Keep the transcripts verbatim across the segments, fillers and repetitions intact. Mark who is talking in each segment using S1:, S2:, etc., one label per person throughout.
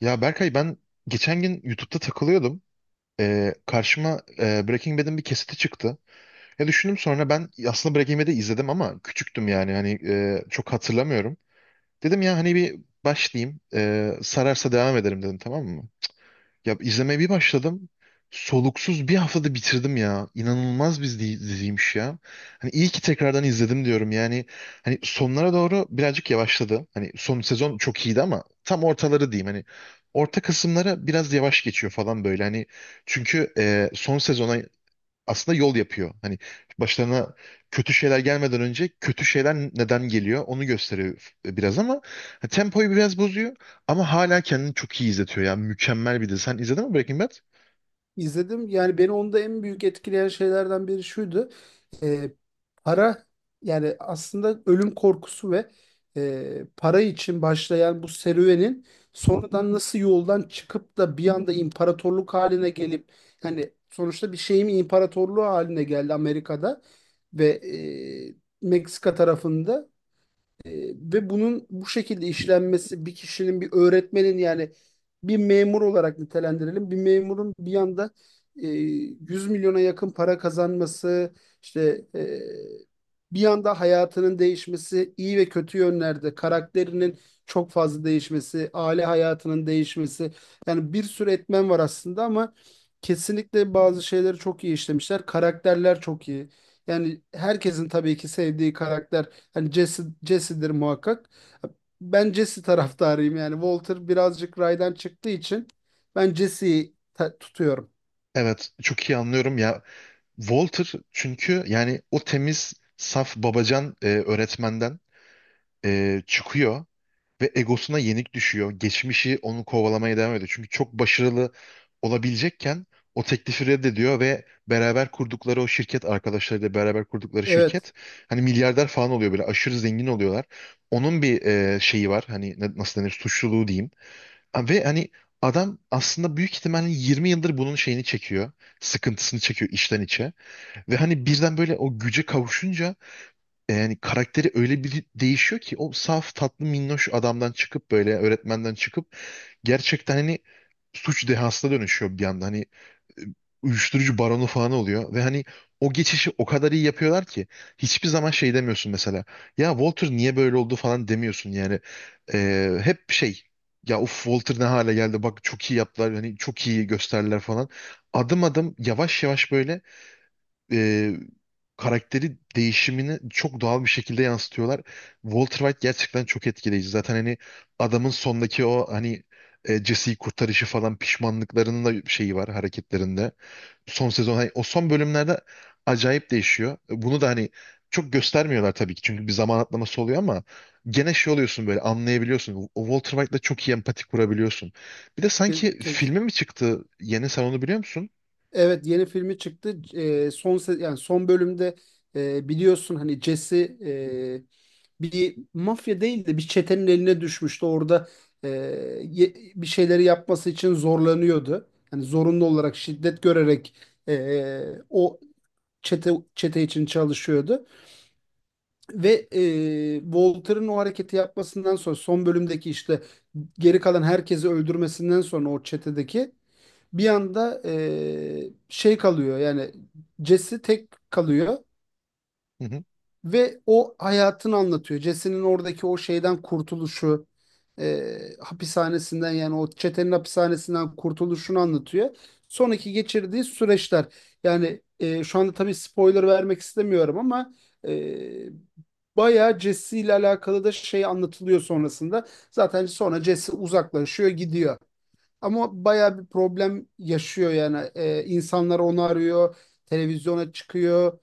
S1: Ya Berkay ben geçen gün YouTube'da takılıyordum. Ee, karşıma e, Breaking Bad'in bir kesiti çıktı. Ya düşündüm sonra ben aslında Breaking Bad'i izledim ama küçüktüm, yani hani e, çok hatırlamıyorum. Dedim ya hani bir başlayayım, e, sararsa devam ederim dedim, tamam mı? Ya izlemeye bir başladım. Soluksuz bir haftada bitirdim ya. İnanılmaz bir dizi- diziymiş ya. Hani iyi ki tekrardan izledim diyorum. Yani hani sonlara doğru birazcık yavaşladı. Hani son sezon çok iyiydi ama tam ortaları diyeyim. Hani orta kısımlara biraz yavaş geçiyor falan böyle. Hani çünkü e, son sezona aslında yol yapıyor. Hani başlarına kötü şeyler gelmeden önce kötü şeyler neden geliyor onu gösteriyor biraz ama ha, tempoyu biraz bozuyor ama hala kendini çok iyi izletiyor ya. Mükemmel bir dizi. Sen izledin mi Breaking Bad?
S2: İzledim. Yani beni onda en büyük etkileyen şeylerden biri şuydu. Ee, para yani aslında ölüm korkusu ve e, para için başlayan bu serüvenin sonradan nasıl yoldan çıkıp da bir anda imparatorluk haline gelip hani sonuçta bir şeyin imparatorluğu haline geldi Amerika'da ve e, Meksika tarafında. E, ve bunun bu şekilde işlenmesi, bir kişinin, bir öğretmenin, yani bir memur olarak nitelendirelim, bir memurun bir yanda e, yüz milyona yakın para kazanması, işte e, bir yanda hayatının değişmesi, iyi ve kötü yönlerde karakterinin çok fazla değişmesi, aile hayatının değişmesi, yani bir sürü etmen var aslında, ama kesinlikle bazı şeyleri çok iyi işlemişler. Karakterler çok iyi. Yani herkesin tabii ki sevdiği karakter, hani Jesse, Jesse'dir muhakkak. Ben Jesse taraftarıyım yani. Walter birazcık raydan çıktığı için ben Jesse'yi ta- tutuyorum.
S1: Evet, çok iyi anlıyorum ya. Walter çünkü yani o temiz, saf babacan e, öğretmenden e, çıkıyor. Ve egosuna yenik düşüyor. Geçmişi onu kovalamaya devam ediyor. Çünkü çok başarılı olabilecekken o teklifi reddediyor ve beraber kurdukları o şirket, arkadaşlarıyla beraber kurdukları
S2: Evet.
S1: şirket hani milyarder falan oluyor, böyle aşırı zengin oluyorlar. Onun bir e, şeyi var hani ne- nasıl denir, suçluluğu diyeyim. Ha, ve hani adam aslında büyük ihtimalle yirmi yıldır bunun şeyini çekiyor. Sıkıntısını çekiyor içten içe. Ve hani birden böyle o güce kavuşunca e, yani karakteri öyle bir değişiyor ki o saf tatlı minnoş adamdan çıkıp böyle öğretmenden çıkıp gerçekten hani suç dehasına dönüşüyor bir anda. Hani e, uyuşturucu baronu falan oluyor ve hani o geçişi o kadar iyi yapıyorlar ki hiçbir zaman şey demiyorsun mesela. Ya Walter niye böyle oldu falan demiyorsun yani. E, hep şey, ya uf Walter ne hale geldi bak çok iyi yaptılar hani çok iyi gösterdiler falan. Adım adım yavaş yavaş böyle e, karakteri değişimini çok doğal bir şekilde yansıtıyorlar. Walter White gerçekten çok etkileyici. Zaten hani adamın sondaki o hani e, Jesse'yi kurtarışı falan, pişmanlıklarının da şeyi var hareketlerinde. Son sezon hani o son bölümlerde acayip değişiyor. Bunu da hani çok göstermiyorlar tabii ki çünkü bir zaman atlaması oluyor ama gene şey oluyorsun böyle, anlayabiliyorsun. O Walter White'la çok iyi empati kurabiliyorsun. Bir de
S2: ke-
S1: sanki
S2: ke-
S1: filmi mi çıktı? Yeni, sen onu biliyor musun?
S2: Evet, yeni filmi çıktı. Ee, son se- yani son bölümde e, biliyorsun, hani Jesse e, bir mafya değil de bir çetenin eline düşmüştü. Orada e, ye- bir şeyleri yapması için zorlanıyordu. Hani zorunlu olarak şiddet görerek e, o çete çete için çalışıyordu. Ve e, Walter'ın o hareketi yapmasından sonra, son bölümdeki işte geri kalan herkesi öldürmesinden sonra, o çetedeki bir anda e, şey kalıyor, yani Jesse tek kalıyor
S1: Hı hı.
S2: ve o hayatını anlatıyor. Jesse'nin oradaki o şeyden kurtuluşu, e, hapishanesinden, yani o çetenin hapishanesinden kurtuluşunu anlatıyor. Sonraki geçirdiği süreçler. Yani e, şu anda tabii spoiler vermek istemiyorum ama e, bayağı Jesse ile alakalı da şey anlatılıyor sonrasında. Zaten sonra Jesse uzaklaşıyor, gidiyor. Ama bayağı bir problem yaşıyor yani. Ee, insanlar onu arıyor, televizyona çıkıyor.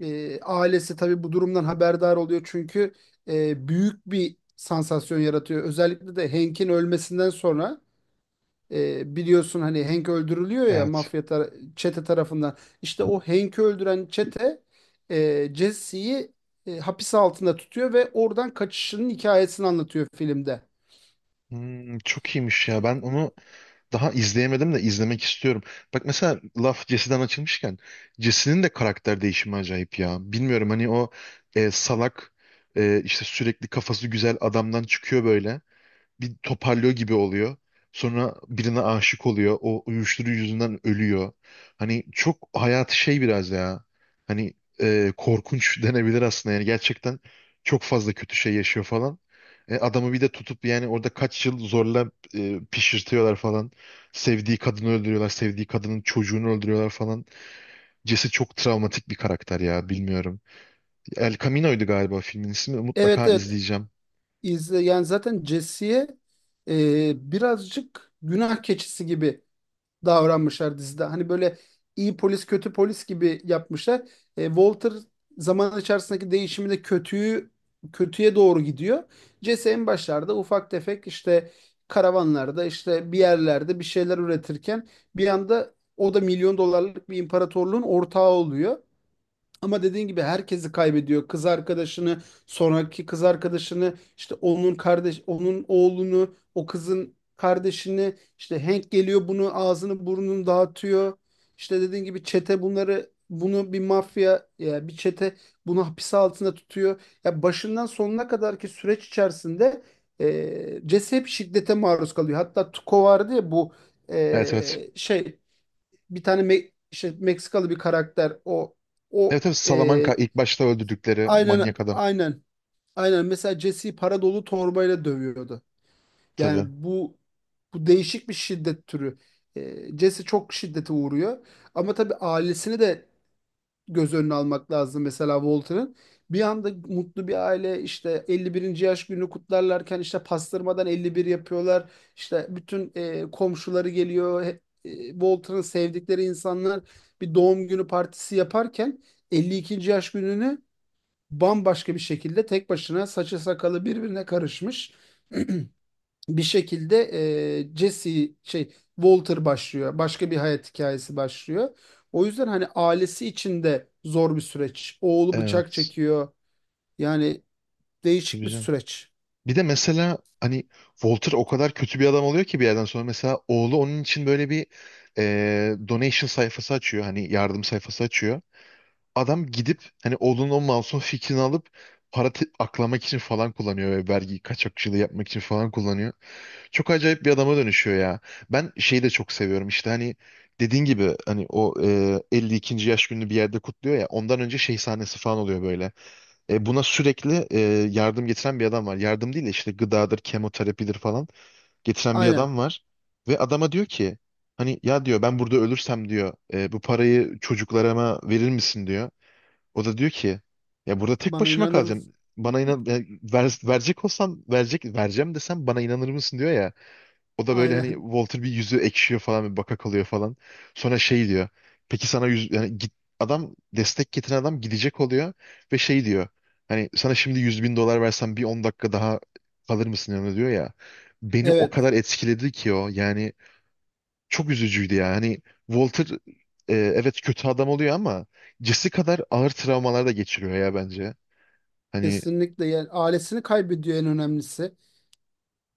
S2: Ee, ailesi tabii bu durumdan haberdar oluyor, çünkü e, büyük bir sansasyon yaratıyor. Özellikle de Hank'in ölmesinden sonra e, biliyorsun, hani Hank öldürülüyor ya
S1: Evet.
S2: mafya tar- çete tarafından. İşte o Hank'i öldüren çete e, Jesse'yi e, hapis altında tutuyor ve oradan kaçışının hikayesini anlatıyor filmde.
S1: Hmm, çok iyiymiş ya. Ben
S2: Evet,
S1: onu daha izleyemedim de izlemek istiyorum. Bak mesela laf Jesse'den açılmışken Jesse'nin de karakter değişimi acayip ya. Bilmiyorum hani o e, salak e, işte sürekli kafası güzel adamdan çıkıyor böyle bir toparlıyor gibi oluyor. Sonra birine aşık oluyor. O uyuşturucu yüzünden ölüyor. Hani çok hayatı şey biraz ya. Hani e, korkunç denebilir aslında. Yani gerçekten çok fazla kötü şey yaşıyor falan. E, adamı bir de tutup yani orada kaç yıl zorla e, pişirtiyorlar falan. Sevdiği kadını öldürüyorlar. Sevdiği kadının çocuğunu öldürüyorlar falan. Jesse çok travmatik bir karakter ya, bilmiyorum. El Camino'ydu galiba filmin ismi.
S2: evet,
S1: Mutlaka izleyeceğim.
S2: izle. Yani zaten Jesse'ye e, birazcık günah keçisi gibi davranmışlar dizide. Hani böyle iyi polis kötü polis gibi yapmışlar. E, Walter zaman içerisindeki değişiminde kötüyü kötüye doğru gidiyor. Jesse en başlarda ufak tefek işte karavanlarda, işte bir yerlerde bir şeyler üretirken bir anda o da milyon dolarlık bir imparatorluğun ortağı oluyor. Ama dediğin gibi herkesi kaybediyor. Kız arkadaşını, sonraki kız arkadaşını, işte onun kardeş, onun oğlunu, o kızın kardeşini, işte Hank geliyor bunu ağzını burnunu dağıtıyor. İşte dediğin gibi çete bunları bunu, bir mafya ya bir çete bunu hapis altında tutuyor. Ya başından sonuna kadarki süreç içerisinde e, Jesse hep şiddete maruz kalıyor. Hatta Tuko vardı ya, bu
S1: Evet evet.
S2: e, şey, bir tane Me- işte Meksikalı bir karakter, o o
S1: Evet evet,
S2: e,
S1: Salamanca ilk başta öldürdükleri
S2: aynen,
S1: manyak adam.
S2: aynen, aynen, mesela Jesse'yi para dolu torbayla dövüyordu. Yani
S1: Tabii.
S2: bu bu değişik bir şiddet türü. E, Jesse çok şiddete uğruyor, ama tabii ailesini de göz önüne almak lazım. Mesela Walter'ın bir anda mutlu bir aile işte elli birinci yaş günü kutlarlarken, işte pastırmadan elli bir yapıyorlar. İşte bütün e, komşuları geliyor. He- e, Walter'ın sevdikleri insanlar bir doğum günü partisi yaparken, elli ikinci yaş gününü bambaşka bir şekilde, tek başına, saçı sakalı birbirine karışmış bir şekilde e, Jesse şey Walter başlıyor. Başka bir hayat hikayesi başlıyor. O yüzden hani ailesi için de zor bir süreç. Oğlu bıçak
S1: Evet.
S2: çekiyor. Yani değişik
S1: Tabii
S2: bir
S1: canım.
S2: süreç.
S1: Bir de mesela hani Walter o kadar kötü bir adam oluyor ki bir yerden sonra mesela oğlu onun için böyle bir e, donation sayfası açıyor. Hani yardım sayfası açıyor. Adam gidip hani oğlunun o masum fikrini alıp para te- aklamak için falan kullanıyor ve vergi kaçakçılığı yapmak için falan kullanıyor. Çok acayip bir adama dönüşüyor ya. Ben şeyi de çok seviyorum, işte hani dediğin gibi hani o e, elli ikinci yaş gününü bir yerde kutluyor ya, ondan önce şey sahnesi falan oluyor böyle. E, buna sürekli e, yardım getiren bir adam var. Yardım değil de işte gıdadır, kemoterapidir falan getiren bir
S2: Aynen.
S1: adam var. Ve adama diyor ki hani ya diyor ben burada ölürsem diyor e, bu parayı çocuklarıma verir misin diyor. O da diyor ki ya burada tek
S2: Bana
S1: başıma
S2: inanır mısın?
S1: kalacağım. Bana inan, e, ver- verecek olsam, verecek vereceğim desem bana inanır mısın diyor ya. O da böyle hani
S2: Aynen.
S1: Walter bir yüzü ekşiyor falan, bir baka kalıyor falan. Sonra şey diyor. Peki sana yüz, yani git, adam, destek getiren adam gidecek oluyor ve şey diyor. Hani sana şimdi yüz bin dolar versem bir on dakika daha kalır mısın yanında diyor ya. Beni o
S2: Evet.
S1: kadar etkiledi ki o, yani çok üzücüydü ya. Hani Walter e, evet kötü adam oluyor ama Jesse kadar ağır travmalar da geçiriyor ya bence. Hani
S2: Kesinlikle. Yani ailesini kaybediyor, en önemlisi.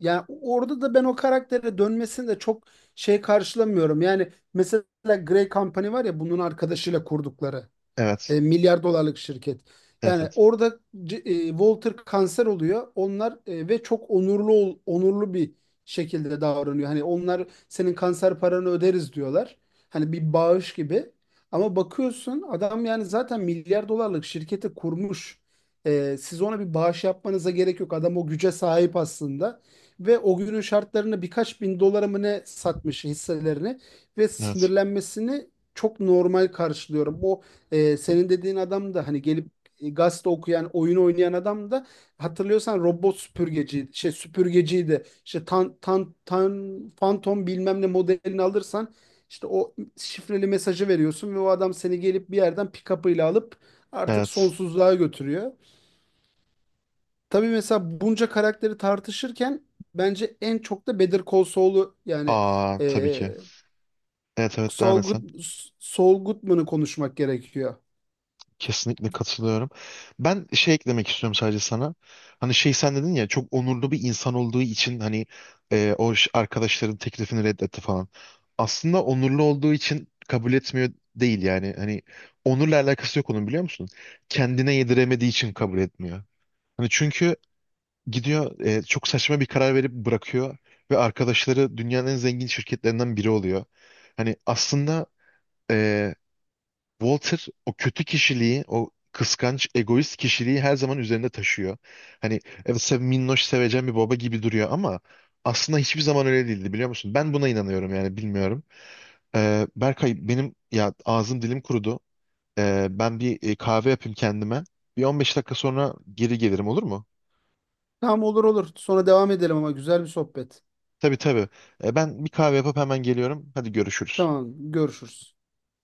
S2: Yani orada da ben o karaktere dönmesini de çok şey karşılamıyorum. Yani mesela Grey Company var ya, bunun arkadaşıyla kurdukları.
S1: evet,
S2: E, milyar dolarlık şirket.
S1: evet,
S2: Yani
S1: evet,
S2: orada C- e, Walter kanser oluyor. Onlar e, ve çok onurlu ol- onurlu bir şekilde davranıyor. Hani onlar senin kanser paranı öderiz diyorlar. Hani bir bağış gibi. Ama bakıyorsun adam yani zaten milyar dolarlık şirketi kurmuş. E, siz ona bir bağış yapmanıza gerek yok. Adam o güce sahip aslında. Ve o günün şartlarını birkaç bin dolara mı ne satmış hisselerini, ve
S1: evet,
S2: sinirlenmesini çok normal karşılıyorum. Bu ee, senin dediğin adam da, hani gelip e, gazete okuyan, oyun oynayan adam da, hatırlıyorsan robot süpürgeci, şey süpürgeciydi. İşte tan, tan, tan, Phantom bilmem ne modelini alırsan, işte o şifreli mesajı veriyorsun ve o adam seni gelip bir yerden pick-up'ıyla alıp artık
S1: evet.
S2: sonsuzluğa götürüyor. Tabii mesela bunca karakteri tartışırken bence en çok da Better Call Saul'u, yani
S1: Aa, tabii
S2: e,
S1: ki. Evet evet, devam
S2: Saul
S1: et
S2: Good,
S1: sen.
S2: Saul Goodman'ı konuşmak gerekiyor.
S1: Kesinlikle katılıyorum. Ben şey eklemek istiyorum sadece sana. Hani şey, sen dedin ya çok onurlu bir insan olduğu için hani e, o ş- arkadaşların teklifini reddetti falan. Aslında onurlu olduğu için kabul etmiyor değil yani. Hani onurla alakası yok onun, biliyor musun? Kendine yediremediği için kabul etmiyor. Hani çünkü gidiyor e, çok saçma bir karar verip bırakıyor ve arkadaşları dünyanın en zengin şirketlerinden biri oluyor. Hani aslında e, Walter o kötü kişiliği, o kıskanç, egoist kişiliği her zaman üzerinde taşıyor. Hani evet, sev, minnoş sevecen bir baba gibi duruyor ama aslında hiçbir zaman öyle değildi, biliyor musun? Ben buna inanıyorum yani, bilmiyorum. Ee, Berkay benim ya, ağzım dilim kurudu. Ee, ben bir e, kahve yapayım kendime. Bir on beş dakika sonra geri gelirim, olur mu?
S2: Tamam, olur olur. Sonra devam edelim, ama güzel bir sohbet.
S1: Tabii tabii. Ee, ben bir kahve yapıp hemen geliyorum. Hadi görüşürüz.
S2: Tamam, görüşürüz.